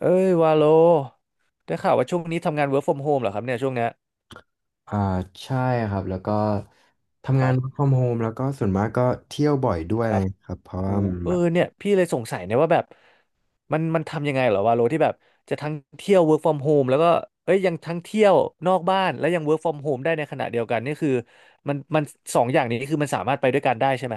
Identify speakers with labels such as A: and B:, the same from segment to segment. A: เอ้ยวาโลได้ข่าวว่าช่วงนี้ทำงาน work from home เหรอครับเนี่ยช่วงเนี้ย
B: อ่าใช่ครับแล้วก็
A: ค
B: ทำงาน
A: รับ
B: work from home แล้วก็ส่วนมากก็เที่ยวบ่อยด้วย
A: ค
B: อะไร
A: รับ
B: เงี้ยครับเพราะ
A: อู
B: ว่ามัน
A: เออ
B: แบบ
A: เนี่ยพี่เลยสงสัยเนี่ยว่าแบบมันทำยังไงเหรอวาโลที่แบบจะทั้งเที่ยว work from home แล้วก็เอ้ยยังทั้งเที่ยวนอกบ้านและยัง work from home ได้ในขณะเดียวกันนี่คือมันสองอย่างนี้คือมันสามารถไปด้วยกันได้ใช่ไหม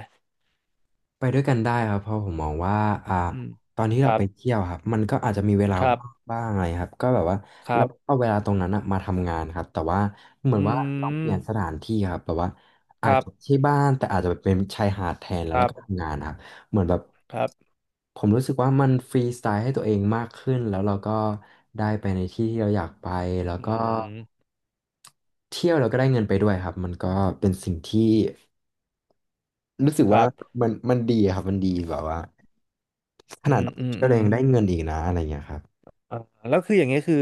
B: ไปด้วยกันได้ครับเพราะผมมองว่าอ่า
A: อืม
B: ตอนที่
A: ค
B: เรา
A: รับ
B: ไปเที่ยวครับมันก็อาจจะมีเวลา
A: ครับ
B: ว่างบ้างอะไรครับก็แบบว่า
A: ค
B: เรา
A: รับ
B: เอาเวลาตรงนั้นอะมาทำงานครับแต่ว่าเหมือน
A: อื
B: ว่าเราเปลี่
A: ม
B: ยนสถานที่ครับแบบว่า
A: ค
B: อาจ
A: รั
B: จะ
A: บ
B: ที่บ้านแต่อาจจะเป็นชายหาดแทนแล้ว
A: ค
B: แล้
A: รั
B: ว
A: บ
B: ก็ทำงานครับเหมือนแบบ
A: ครับ
B: ผมรู้สึกว่ามันฟรีสไตล์ให้ตัวเองมากขึ้นแล้วเราก็ได้ไปในที่ที่เราอยากไปแล้ว
A: อื
B: ก็
A: ม
B: เที่ยวเราก็ได้เงินไปด้วยครับมันก็เป็นสิ่งที่รู้สึก
A: ค
B: ว่า
A: รับ
B: มันดีครับมันดีแบบว่า ข
A: อื
B: นาด
A: ม
B: เราไป
A: อืม
B: เที่ยว
A: อื
B: เรา
A: ม
B: ยังได้เงินอีกนะอะไรเงี้ยครับ
A: อ่าแล้วคืออย่างเงี้ยคือ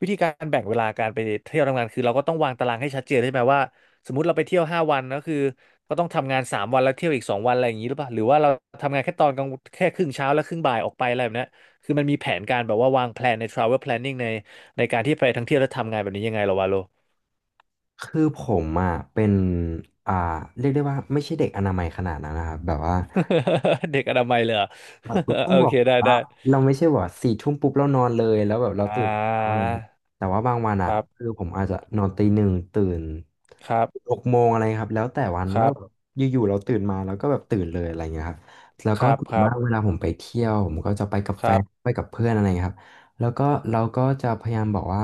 A: วิธีการแบ่งเวลาการไปเที่ยวทำงานคือเราก็ต้องวางตารางให้ชัดเจนใช่ไหมว่าสมมติเราไปเที่ยวห้าวันก็คือก็ต้องทำงานสามวันแล้วเที่ยวอีกสองวันอะไรอย่างนี้หรือเปล่าหรือว่าเราทำงานแค่ตอนกลางแค่ครึ่งเช้าแล้วครึ่งบ่ายออกไปอะไรแบบเนี้ยคือมันมีแผนการแบบว่าวางแผนใน travel planning ในการที่ไปทั้งเที่ยวและทำงานแบบนี้ยังไงเหรอวะโล
B: คือผมอ่ะเป็นอ่าเรียกได้ว่าไม่ใช่เด็กอนามัยขนาดนั้นนะครับแบบว่า
A: เด็กอนามัยเลยเหรอ
B: เรา ต้อ
A: โอ
B: งบอ
A: เค
B: ก
A: ได้
B: ว่า
A: ได้
B: เราไม่ใช่ว่าสี่ทุ่มปุ๊บเรานอนเลยแล้วแบบเรา
A: อ่
B: ตื่นแล้าอะไร
A: า
B: เงี้ยแต่ว่าบางวัน
A: ค
B: อ่ะ
A: รับ
B: คือผมอาจจะนอนตีหนึ่งตื่น
A: ครั
B: ห
A: บ
B: กโมงอะไรครับแล้วแต่วัน
A: ค
B: ว่า
A: รั
B: แบบ
A: บ
B: อยู่ๆเราตื่นมาแล้วก็แบบตื่นเลยอะไรเงี้ยครับแล้ว
A: ค
B: ก็
A: รับ
B: ส่วน
A: ครั
B: มา
A: บ
B: กเวลาผมไปเที่ยวผมก็จะไปกับ
A: ค
B: แฟ
A: รับ
B: นไปกับเพื่อนอะไรเงี้ยครับแล้วก็เราก็จะพยายามบอกว่า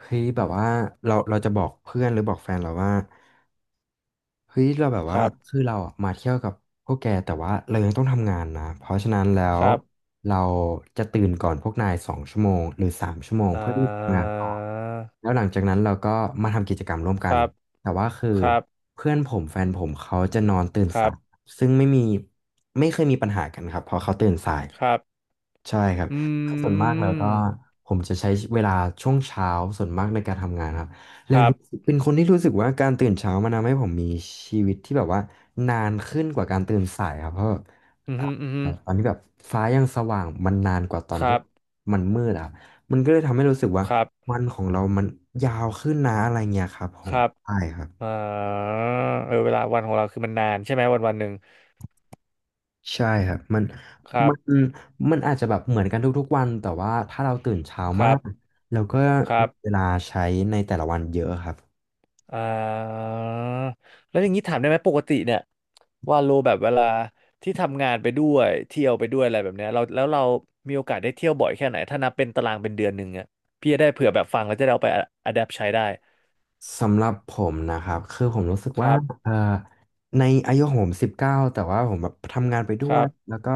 B: เฮ้ยแบบว่าเราจะบอกเพื่อนหรือบอกแฟนเราว่าเฮ้ยเราแบบ
A: ค
B: ว่า
A: รับ
B: คือเราอะมาเที่ยวกับพวกแกแต่ว่าเรายังต้องทำงานนะเพราะฉะนั้นแล้
A: ค
B: ว
A: รับ
B: เราจะตื่นก่อนพวกนาย2 ชั่วโมงหรือ3 ชั่วโมง
A: อ่า
B: เพื่อที่จะทำงานต่อแล้วหลังจากนั้นเราก็มาทำกิจกรรมร่วม
A: ค
B: กัน
A: รับ
B: แต่ว่าคือ
A: ครับ
B: เพื่อนผมแฟนผมเขาจะนอนตื่น
A: ครั
B: สาย
A: บ
B: ซึ่งไม่มีไม่เคยมีปัญหากันครับเพราะเขาตื่นสาย
A: ครับ
B: ใช่ครับ
A: อื
B: คือส่วนมากแล้วก็
A: ม
B: ผมจะใช้เวลาช่วงเช้าส่วนมากในการทำงานครับแล้
A: ค
B: ว
A: รั
B: รู้สึ
A: บ
B: กเป็นคนที่รู้สึกว่าการตื่นเช้ามันทำให้ผมมีชีวิตที่แบบว่านานขึ้นกว่าการตื่นสายครับเพราะ
A: อืมอ
B: อ่า
A: หืมออือหือ
B: ตอนนี้แบบฟ้ายังสว่างมันนานกว่าตอน
A: ค
B: ที่
A: รับ
B: มันมืดอะครับมันก็เลยทำให้รู้สึกว่า
A: ครับ
B: วันของเรามันยาวขึ้นนะอะไรเงี้ยครับผ
A: ค
B: ม
A: รับ
B: ใช่ครับ
A: อ่าเออเวลาวันของเราคือมันนานใช่ไหมวันหนึ่ง
B: ใช่ครับ
A: ครั
B: มั
A: บ
B: นมันอาจจะแบบเหมือนกันทุกๆวันแต่ว่าถ้าเราตื่นเช้า
A: ค
B: มา
A: รับ
B: กเราก็
A: ครั
B: มี
A: บ
B: เวลาใช้ในแต่ละวันเยอะครับ
A: อ่าแล้วอย่างนี้ถามได้ไหมปกติเนี่ยว่าโลแบบเวลาที่ทำงานไปด้วยเที่ยวไปด้วยอะไรแบบเนี้ยเรามีโอกาสได้เที่ยวบ่อยแค่ไหนถ้านับเป็นตารางเป็นเดือนหนึ่งอ่ะพี่จะได้เผื่อแบบฟังแล้วจะได้เอาไปอะแดปใช้ได้
B: สำหรับผมนะครับคือผมรู้สึก
A: ค
B: ว่า
A: รับ
B: เอ่อในอายุของผม19แต่ว่าผมแบบทำงานไปด้
A: ค
B: ว
A: รั
B: ย
A: บ
B: แล้วก็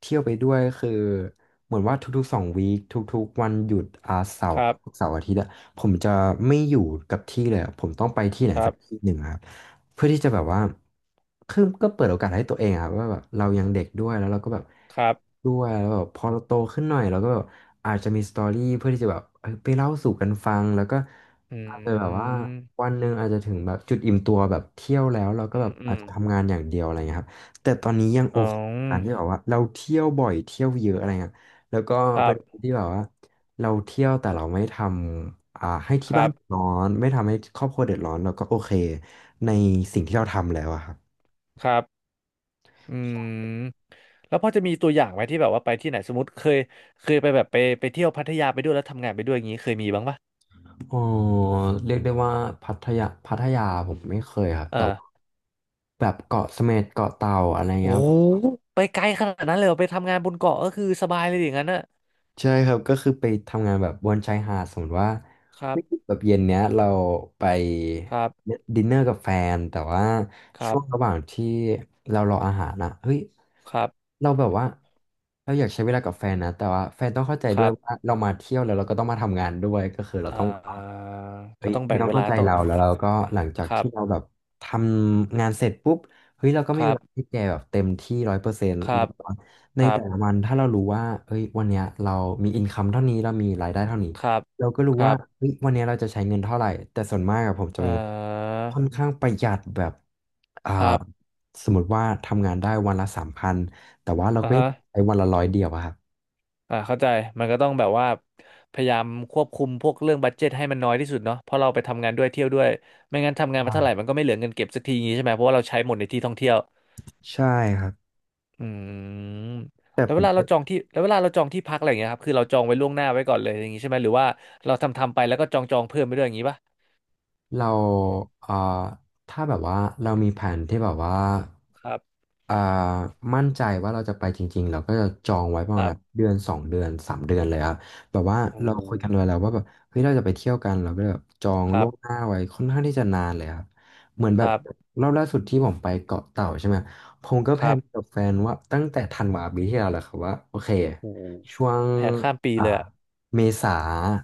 B: เที่ยวไปด้วยคือเหมือนว่าทุกๆ2 วีคทุกๆวันหยุดอาเสา
A: ค
B: ร์
A: รับ
B: เสาร์อาทิตย์อะผมจะไม่อยู่กับที่เลยอะผมต้องไปที่ไหน
A: ครั
B: สั
A: บ
B: กที่หนึ่งอะครับเพื่อที่จะแบบว่าคือก็เปิดโอกาสให้ตัวเองอะครับว่าแบบเรายังเด็กด้วยแล้วเราก็แบบ
A: ครับ
B: ด้วยแล้วแบบพอเราโตขึ้นหน่อยเราก็แบบอาจจะมีสตอรี่เพื่อที่จะแบบเอยไปเล่าสู่กันฟังแล้วก็
A: อื
B: อาจจะแบบว่า
A: ม
B: วันหนึ่งอาจจะถึงแบบจุดอิ่มตัวแบบเที่ยวแล้วเราก็แบบ
A: อื
B: อาจจะ
A: ม
B: ทำงานอย่างเดียวอะไรเงี้ยครับแต่ตอนนี้ยังโอ
A: อ๋อ
B: เคกับการที่แบบว่าเราเที่ยวบ่อยเที่ยวเยอะอะไรเงี้ยแล้วก็
A: ครั
B: เป็นคน
A: บ
B: ที่แบบว่าเราเที่ยวแต่เราไม่ทำให้ที่
A: ครั
B: บ้าน
A: บ
B: เดือดร้อนไม่ทำให้ครอบครัวเดือดร้อนเราก็โอเคในสิ่งที่เราทำแล้วอะครับ
A: ครับอืมแล้วพอจะมีตัวอย่างไหมที่แบบว่าไปที่ไหนสมมติเคยไปแบบไปเที่ยวพัทยาไปด้วยแล้วทำงานไปด้วยอย่างนี้เคยมีบ้างปะ
B: อ๋อเรียกได้ว่าพัทยาพัทยาผมไม่เคยครับ
A: เอ
B: แต่
A: อ
B: ว่าแบบเกาะเสม็ดเกาะเต่าอะไร
A: โอ้
B: เงี้ย
A: โหไปไกลขนาดนั้นเลยเหรอไปทำงานบนเกาะก็คือสบายเลยอย่างนั้นนะ
B: ใช่ครับก็คือไปทำงานแบบบนชายหาดสมมติว่า
A: ครั
B: เฮ้
A: บ
B: ยแบบเย็นเนี้ยเราไป
A: ครับ
B: ดินเนอร์กับแฟนแต่ว่า
A: ครั
B: ช่ว
A: บ
B: งระหว่างที่เรารออาหารนะเฮ้ย
A: ครับ
B: เราแบบว่าเราอยากใช้เวลากับแฟนนะแต่ว่าแฟนต้องเข้าใจ
A: ค
B: ด้วย
A: รับ
B: ว่าเรามาเที่ยวแล้วเราก็ต้องมาทำงานด้วยก็คือเรา
A: อ่
B: ต้อง
A: า
B: เฮ้
A: ก็
B: ย
A: ต้อง
B: ไม่
A: แบ่ง
B: ต้อง
A: เว
B: เข้า
A: ลา
B: ใจ
A: ต้อง
B: เราแล้วเราก็หลังจาก
A: ครั
B: ที่เรา
A: บ
B: แบบทำงานเสร็จปุ๊บเฮ้ยเราก็
A: ค
B: มีเว
A: รับ
B: ลาที่แกแบบเต็มที่100%
A: ครั
B: แล้ว
A: บ
B: ก็ใน
A: ครั
B: แต่
A: บ
B: ละวันถ้าเรารู้ว่าเฮ้ยวันเนี้ยเรามีอินคัมเท่านี้เรามีรายได้เท่านี้
A: ครับ
B: เราก็รู้
A: ค
B: ว่า
A: รับ
B: เฮ้ยวันเนี้ยเราจะใช้เงินเท่าไหร่แต่ส่วนมากอะผมจะ
A: เอ่
B: เป็น
A: อ
B: ค่อนข้างประหยัดแบบอ่า
A: ครับ
B: สมมติว่าทำงานได้วันละ3,000แต่ว่าเรา
A: อ่า
B: ก็ยั
A: ฮะ
B: งใช้วันละร้อยเดียวอะครับ
A: อ่าเข้าใจมันก็ต้องแบบว่าพยายามควบคุมพวกเรื่องบัดเจ็ตให้มันน้อยที่สุดเนาะเพราะเราไปทำงานด้วยเที่ยวด้วยไม่งั้นทำงานมา
B: อ่า
A: เท่าไหร่มันก็ไม่เหลือเงินเก็บสักทีอย่างงี้ใช่ไหมเพราะว่าเราใช้หมดในที่ท่องเที่ยว
B: ใช่ครับ
A: อืม
B: แต่
A: แล้
B: ผ
A: วเว
B: ม
A: ลาเราจองที่แล้วเวลาเราจองที่พักอะไรอย่างเงี้ยครับคือเราจองไว้ล่วงหน้าไว้ก่อนเลยอย่างงี้ใช่ไหมหรือว่าเราทำไปแล้วก็จองเพิ่มไปด้วยอย่างงี้ป่ะ
B: เราเอ่อถ้าแบบว่าเรามีแผนที่แบบว่า
A: ครับ
B: อ่ามั่นใจว่าเราจะไปจริงๆเราก็จะจองไว้ประ
A: ค
B: มาณ
A: รั
B: แบบ
A: บ
B: เดือนสองเดือนสามเดือนเลยครับแบบว่า
A: โอ้
B: เราคุยกันไว้แล้วว่าแบบเฮ้ยเราจะไปเที่ยวกันเราก็เลยแบบจอง
A: ค
B: ล่
A: รั
B: ว
A: บ
B: งหน้าไว้ค่อนข้างที่จะนานเลยครับเหมือน
A: ค
B: แบบ
A: รับ
B: รอบล่าสุดที่ผมไปเกาะเต่าใช่ไหมผมก็
A: ค
B: แพล
A: รั
B: น
A: บ
B: กับแฟนว่าตั้งแต่ธันวาปีที่แล้วแหละครับว่าโอเค
A: โอ้
B: ช่วง
A: แผนข้ามปี
B: อ่า
A: เลยอะ
B: เมษา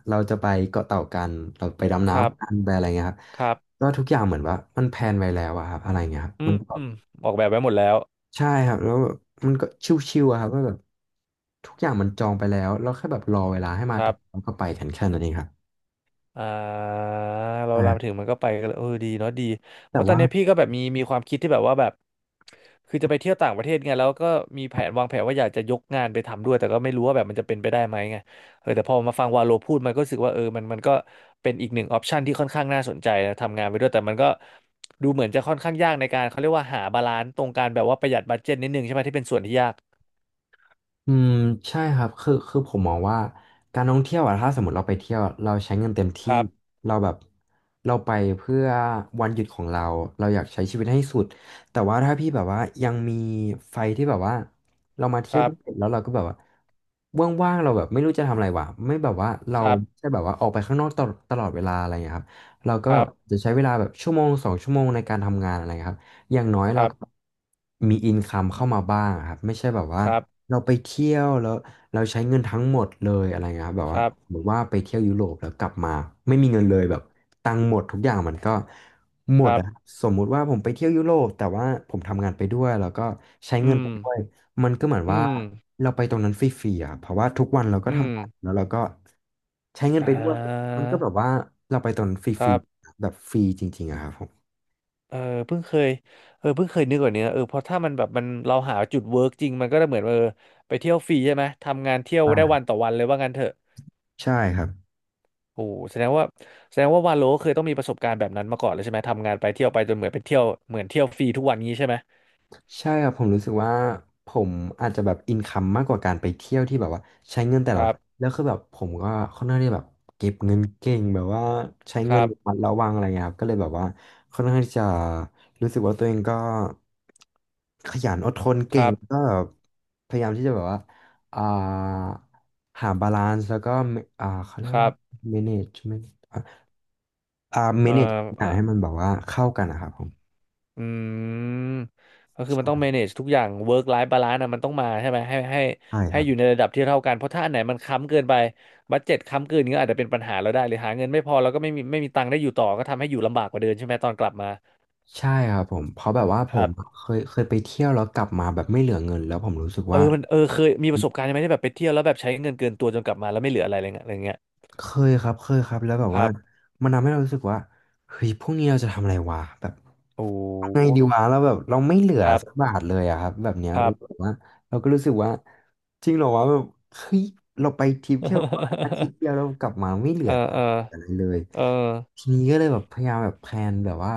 B: เราจะไปเกาะเต่ากันเราไปดำ
A: ครั
B: น้ำกัน
A: บ
B: ไปอะไรเงี้ยครับ
A: ครับ
B: ก็ทุกอย่างเหมือนว่ามันแพลนไว้แล้วอะครับอะไรเงี้ยครับ
A: อื
B: มั
A: ม
B: น
A: อมออกแบบไว้หมดแล้ว
B: ใช่ครับแล้วแบบมันก็ชิวๆอะครับว่าแบบทุกอย่างมันจองไปแล้วเราแค่แบบรอเวลาให้มา
A: ค
B: ถึ
A: รั
B: ง
A: บ
B: แล้วก็ไปกันแค่นั้นเองครับ
A: อ่าเรา
B: ใช่ค
A: เรา
B: รับ
A: ถึงมันก็ไปกันเลยเออดีเนาะดีเพ
B: แต่
A: ราะตอน
B: ว่า
A: เนี้ยพี่ก็แบบมีความคิดที่แบบว่าแบบคือจะไปเที่ยวต่างประเทศไงแล้วก็มีแผนวางแผนว่าอยากจะยกงานไปทำด้วยแต่ก็ไม่รู้ว่าแบบมันจะเป็นไปได้ไหมไงเออแต่พอมาฟังวาโลพูดมันก็รู้สึกว่าเออมันมันก็เป็นอีกหนึ่งออปชันที่ค่อนข้างน่าสนใจนะทำงานไปด้วยแต่มันก็ดูเหมือนจะค่อนข้างยากในการเขาเรียกว่าหาบาลานซ์ตรงการแบบว่าประหยัดบัดเจ็ตนิดนึงใช่ไหมที่เป็นส่วนที่ยาก
B: อืมใช่ครับคือผมมองว่าการท่องเที่ยวอะถ้าสมมติเราไปเที่ยวอเราใช้เงินเต็ม
A: ค
B: ที่
A: รับ
B: เราแบบเราไปเพื่อวันหยุดของเราเราอยากใช้ชีวิตให้สุดแต่ว่าถ้าพี่แบบว่ายังมีไฟที่แบบว่าเรามา
A: ค
B: เที่ยว
A: รั
B: ด้
A: บ
B: วนแล้วเราก็แบบว่าว่างๆเราแบบไม่รู้จะทำอะไรวะไม่แบบว่าเรา
A: ครับ
B: ใช่แบบว่าออกไปข้างนอกตลอดเวลาอะไรอย่างเงี้ยครับเราก็
A: ค
B: แบ
A: รั
B: บ
A: บ
B: จะใช้เวลาแบบชั่วโมงสองชั่วโมงในการทำงานอะไรครับอย่างน้อย
A: ค
B: เรา
A: รับ
B: ก็มีอินคัมเข้ามาบ้างครับไม่ใช่แบบว่า
A: ครับ
B: เราไปเที่ยวแล้วเราใช้เงินทั้งหมดเลยอะไรเงี้ยครับแบบ
A: ค
B: ว่า
A: รับ
B: สมมติว่าไปเที่ยวยุโรปแล้วกลับมาไม่มีเงินเลยแบบตังค์หมดทุกอย่างมันก็หม
A: ค
B: ด
A: รับ
B: อะสมมุติว่าผมไปเที่ยวยุโรปแต่ว่าผมทำงานไปด้วยแล้วก็ใช้เงิ
A: อื
B: น
A: ม
B: ไปด้วยมันก็เหมือน
A: อื
B: ว่า
A: ม
B: เราไปตรงนั้นฟรีๆอ่ะเพราะว่าทุกวันเราก็
A: อืม
B: ทำงานแล้วเราก็ใช้เงิน
A: อ่
B: ไปด้วยมั
A: า
B: นก็แบบว่าเราไปตรงนั้นฟ
A: ค
B: รี
A: รับ
B: ๆแบบฟรีจริงๆอะครับผม
A: เออเพิ่งเคยเออเพิ่งเคยนึกแบบนี้นะเออเพราะถ้ามันแบบมันเราหาจุดเวิร์กจริงมันก็จะเหมือนเออไปเที่ยวฟรีใช่ไหมทำงานเที่ยวได้
B: อ่า
A: วันต่อวันเลยว่างั้นเถอะ
B: ใช่ครับ
A: โอ้โหแสดงว่าวาโลเคยต้องมีประสบการณ์แบบนั้นมาก่อนเลยใช่ไหมทำงานไปเที่ยวไปจนเหมือนเป็นเที่ยวเหมือนเที่ยวฟรีทุกวันงี้ใช่ไหม
B: ใช่ครับผมรู้สึกว่าผมอาจจะแบบอินคัมมากกว่าการไปเที่ยวที่แบบว่าใช้เงินแต่
A: ค
B: ละวั
A: รั
B: น
A: บ
B: แล้วคือแบบผมก็ค่อนข้างที่แบบเก็บเงินเก่งแบบว่าใช้
A: ค
B: เงิน
A: รั
B: ระมั
A: บ
B: ดระวังอะไรเงี้ยครับก็เลยแบบว่าค่อนข้างที่จะรู้สึกว่าตัวเองก็ขยันอดทน
A: ค
B: เก่ง
A: รับ
B: ก็แบบพยายามที่จะแบบว่าอ่าหาบาลานซ์แล้วก็เขาเรีย
A: ค
B: กว่า
A: รับ
B: management
A: เอ่
B: manage ทุกอ
A: อ
B: ย่างให้มันแบบว่าเข้ากันนะครับผม
A: อืมก็คือมันต้
B: ใ
A: อง manage ทุกอย่าง work life balance นะมันต้องมาใช่ไหมให้
B: ช่ค
A: ให้
B: รับ
A: อยู่ในระดับที่เท่ากันเพราะถ้าอันไหนมันค้ำเกินไปบัดเจ็ตค้ำเกินก็อาจจะเป็นปัญหาเราได้หรือหาเงินไม่พอแล้วก็ไม่มีตังค์ได้อยู่ต่อก็ทำให้อยู่ลำบากกว่าเดิมใช่ไหมตอนกลับมา
B: ใช่ครับผมเพราะแบบว่าผ
A: ครั
B: ม
A: บ
B: เคยไปเที่ยวแล้วกลับมาแบบไม่เหลือเงินแล้วผมรู้สึก
A: เอ
B: ว่า
A: อมันเออเคยมีประสบการณ์ไหมที่แบบไปเที่ยวแล้วแบบใช้เงินเกินตัวจนกลับมาแล้วไม่เหลืออะไรอะไรเงี้ยอะไรเงี้ย
B: เคเคยครับแล้วแบบ
A: ค
B: ว่า
A: รับ
B: มันทำให้เรารู้สึกว่าเฮ้ยพรุ่งนี้เราจะทำอะไรวะแบบ
A: โอ้
B: เอาไง
A: โห
B: ดีวะแล้วแบบเราไม่เหลือ
A: ครับ
B: สักบาทเลยอะครับแบบเนี้ย
A: ครับ
B: รู้สึกว่าเราก็รู้สึกว่าจริงเหรอวะแบบเฮ้ยเราไปทริปแค่แบบว่าอา ทิตย์เดียวเรากลับมาไม่เหลื
A: เอ
B: อ
A: อ
B: ตั
A: เอ
B: งค์
A: อ
B: อะไรเลย
A: เออ
B: ทีนี้ก็เลยแบบพยายามแบบแพลนแบบว่า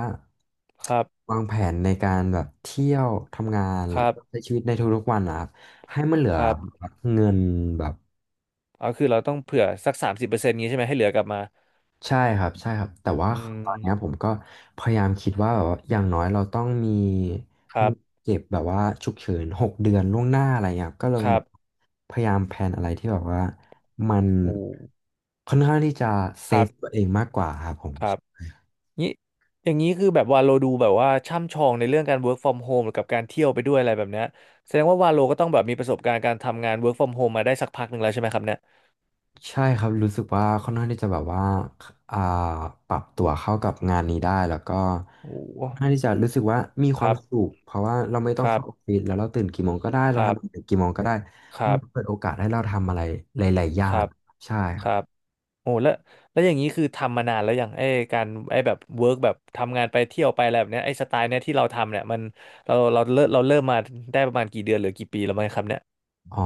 A: ครับ
B: วางแผนในการแบบเที่ยวทำงาน
A: ค
B: แล้ว
A: รับ
B: ก็ใช้ชีวิตในทุกๆวันนะครับให้มันเหลือ
A: ครับ
B: เงินแบบ
A: เอาคือเราต้องเผื่อสัก30%งี้ใช่ไหมให้เหลือกลับมา
B: ใช่ครับแต่ว่า
A: อื
B: ตอ
A: ม
B: นเนี้ยผมก็พยายามคิดว่าแบบว่าอย่างน้อยเราต้องมี
A: ครั
B: มี
A: บ
B: เก็บแบบว่าฉุกเฉิน6 เดือนล่วงหน้าอะไรเงี้ยครับก็ลอง
A: ครั
B: แบ
A: บ
B: บพยายามแพลนอะไรที่แบบว่ามัน
A: โอ้
B: ค่อนข้างที่จะเซ
A: ครั
B: ฟตั
A: บ
B: วเองมากกว่าครับผม
A: ครับนี่อย่างนี้คือแบบวาโลดูแบบว่าช่ำชองในเรื่องการ work from home หรือกับการเที่ยวไปด้วยอะไรแบบเนี้ยแสดงว่าวาโลก็ต้องแบบมีประสบการณ์การทำงาน work from home มาได้สักพักหนึ่งแล้วใช่ไหมครับเนี่ย
B: ใช่ครับรู้สึกว่าค่อนข้างที่จะแบบว่าอ่าปรับตัวเข้ากับงานนี้ได้แล้วก็
A: โอ้
B: ค่อนข้างที่จะรู้สึกว่ามีค
A: ค
B: วาม
A: รับ
B: สุขเพราะว่าเราไม่ต้
A: ค
B: อง
A: รั
B: เข้า
A: บ
B: ออฟฟิศแล้วเราตื่นกี่โมงก็ได้
A: ค
B: เรา
A: รั
B: ทำน
A: บ
B: กี่โมงก็ได้
A: ครั
B: มันเปิ
A: บ
B: ดโอกาสให้เราทำอะไรหลายๆอ
A: ค
B: ย่า
A: รั
B: ง
A: บ
B: ใช่ค
A: ค
B: รับ
A: รับโอ้แล้วแล้วอย่างนี้คือทำมานานแล้วอย่างไอ้การไอ้แบบ work แบบทำงานไปเที่ยวไปอะไรแบบเนี้ยไอ้สไตล์เนี้ยที่เราทำเนี่ยมันเราเริ่มมาได้ประมาณกี่เดือนหรือกี่ปีแล้วไหมครับเนี่ย
B: อ๋อ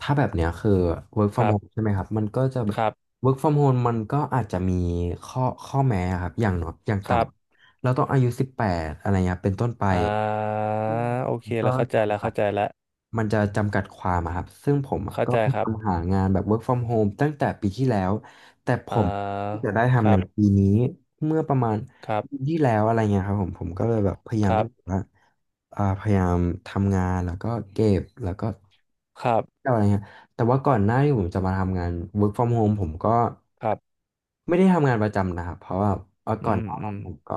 B: ถ้าแบบเนี้ยคือ work
A: ค
B: from
A: รั
B: home
A: บ
B: ใช่ไหมครับมันก็จะแบ
A: ค
B: บ
A: ร
B: work from home มันก็อาจจะมีข้อแม้ครับอย่างน้อยอย่างต่
A: ับ
B: ำเราต้องอายุ18อะไรเงี้ยเป็นต้นไป
A: อ่า
B: อืม
A: โอเค
B: ก็
A: แล้วเข้าใจแล้ว
B: มันจะจำกัดความอะครับซึ่งผมอะ
A: เข้า
B: ก็
A: ใจ
B: พยา
A: ครั
B: ยา
A: บ
B: มหางานแบบ work from home ตั้งแต่ปีที่แล้ว แต่ผ
A: อ่
B: มเพิ่ง
A: า
B: จะได้
A: ค
B: ทำใน
A: รับ
B: ปีนี้ เมื่อประมาณ
A: ครับ
B: ปีที่แล้วอะไรเงี้ยครับผมก็เลยแบบพยายา
A: ค
B: ม
A: รั
B: ที่จะ
A: บ
B: ว่าพยายามทำงาน แล้วก็เก็บแล้วก็
A: ครับ
B: อะไรเงี้ยแต่ว่าก่อนหน้าที่ผมจะมาทำงาน work from home ผมก็
A: ครับ
B: ไม่ได้ทำงานประจำนะครับเพราะว่าเอาก่อ
A: อื
B: น
A: ม
B: หน้า
A: อื
B: นั้น
A: ม
B: ผมก็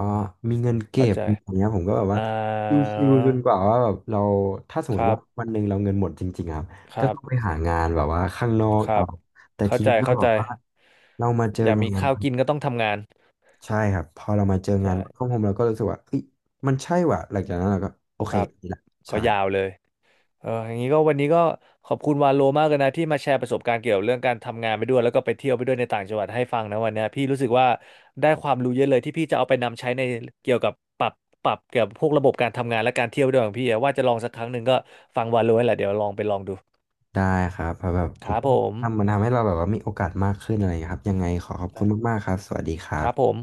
B: มีเงินเก็
A: เข้า
B: บ
A: ใจ
B: มีอย่างเงี้ยผมก็แบบว่า
A: อ่า
B: ชิวๆจนกว่าว่าแบบเราถ้าสมม
A: ค
B: ติ
A: รั
B: ว่า
A: บ
B: วันหนึ่งเราเงินหมดจริงๆครับ
A: ค
B: ก็
A: รั
B: ต้องไป
A: บ
B: หางานแบบว่าข้างนอก
A: ครั
B: เอา
A: บ
B: แต่
A: เข้า
B: ที
A: ใจ
B: นี้ก็
A: เข้า
B: แบ
A: ใจ
B: บว่าเรามาเจอ
A: อยากมี
B: งาน
A: ข้าวกินก็ต้องทำงาน
B: ใช่ครับพอเรามาเจองาน
A: ใช่
B: ข้างผมเราก็รู้สึกว่าเอ้ยมันใช่ว่ะหลังจากนั้นเราก็โอ
A: ค
B: เค
A: รับ
B: นี่แหละ
A: ก็
B: ใช่
A: ยาวเลย เอออย่างนี้ก็วันนี้ก็ขอบคุณวาโลมากเลยนะที่มาแชร์ประสบการณ์เกี่ยวกับเรื่องการทำงานไปด้วยแล้วก็ไปเที่ยวไปด้วยในต่างจังหวัดให้ฟังนะวันเนี้ยพี่รู้สึกว่าได้ความรู้เยอะเลยที่พี่จะเอาไปนำใช้ในเกี่ยวกับปรับปรับเกี่ยวกับพวกระบบการทำงานและการเที่ยวด้วยของพี่อะว่าจะลองสักครั้งหนึ่งก็ฟังวาโลแหละเดี๋ยวลองไปลองดู
B: ได้ครับเพราะแบบผ
A: ค
B: ม
A: รับ
B: ก็
A: ผม
B: ทำมันทำให้เราแบบว่ามีโอกาสมากขึ้นอะไรอย่างเงี้ยครับยังไงขอบคุณ
A: นะ
B: มากๆครับสวัสดีครั
A: ครับผ
B: บ
A: ม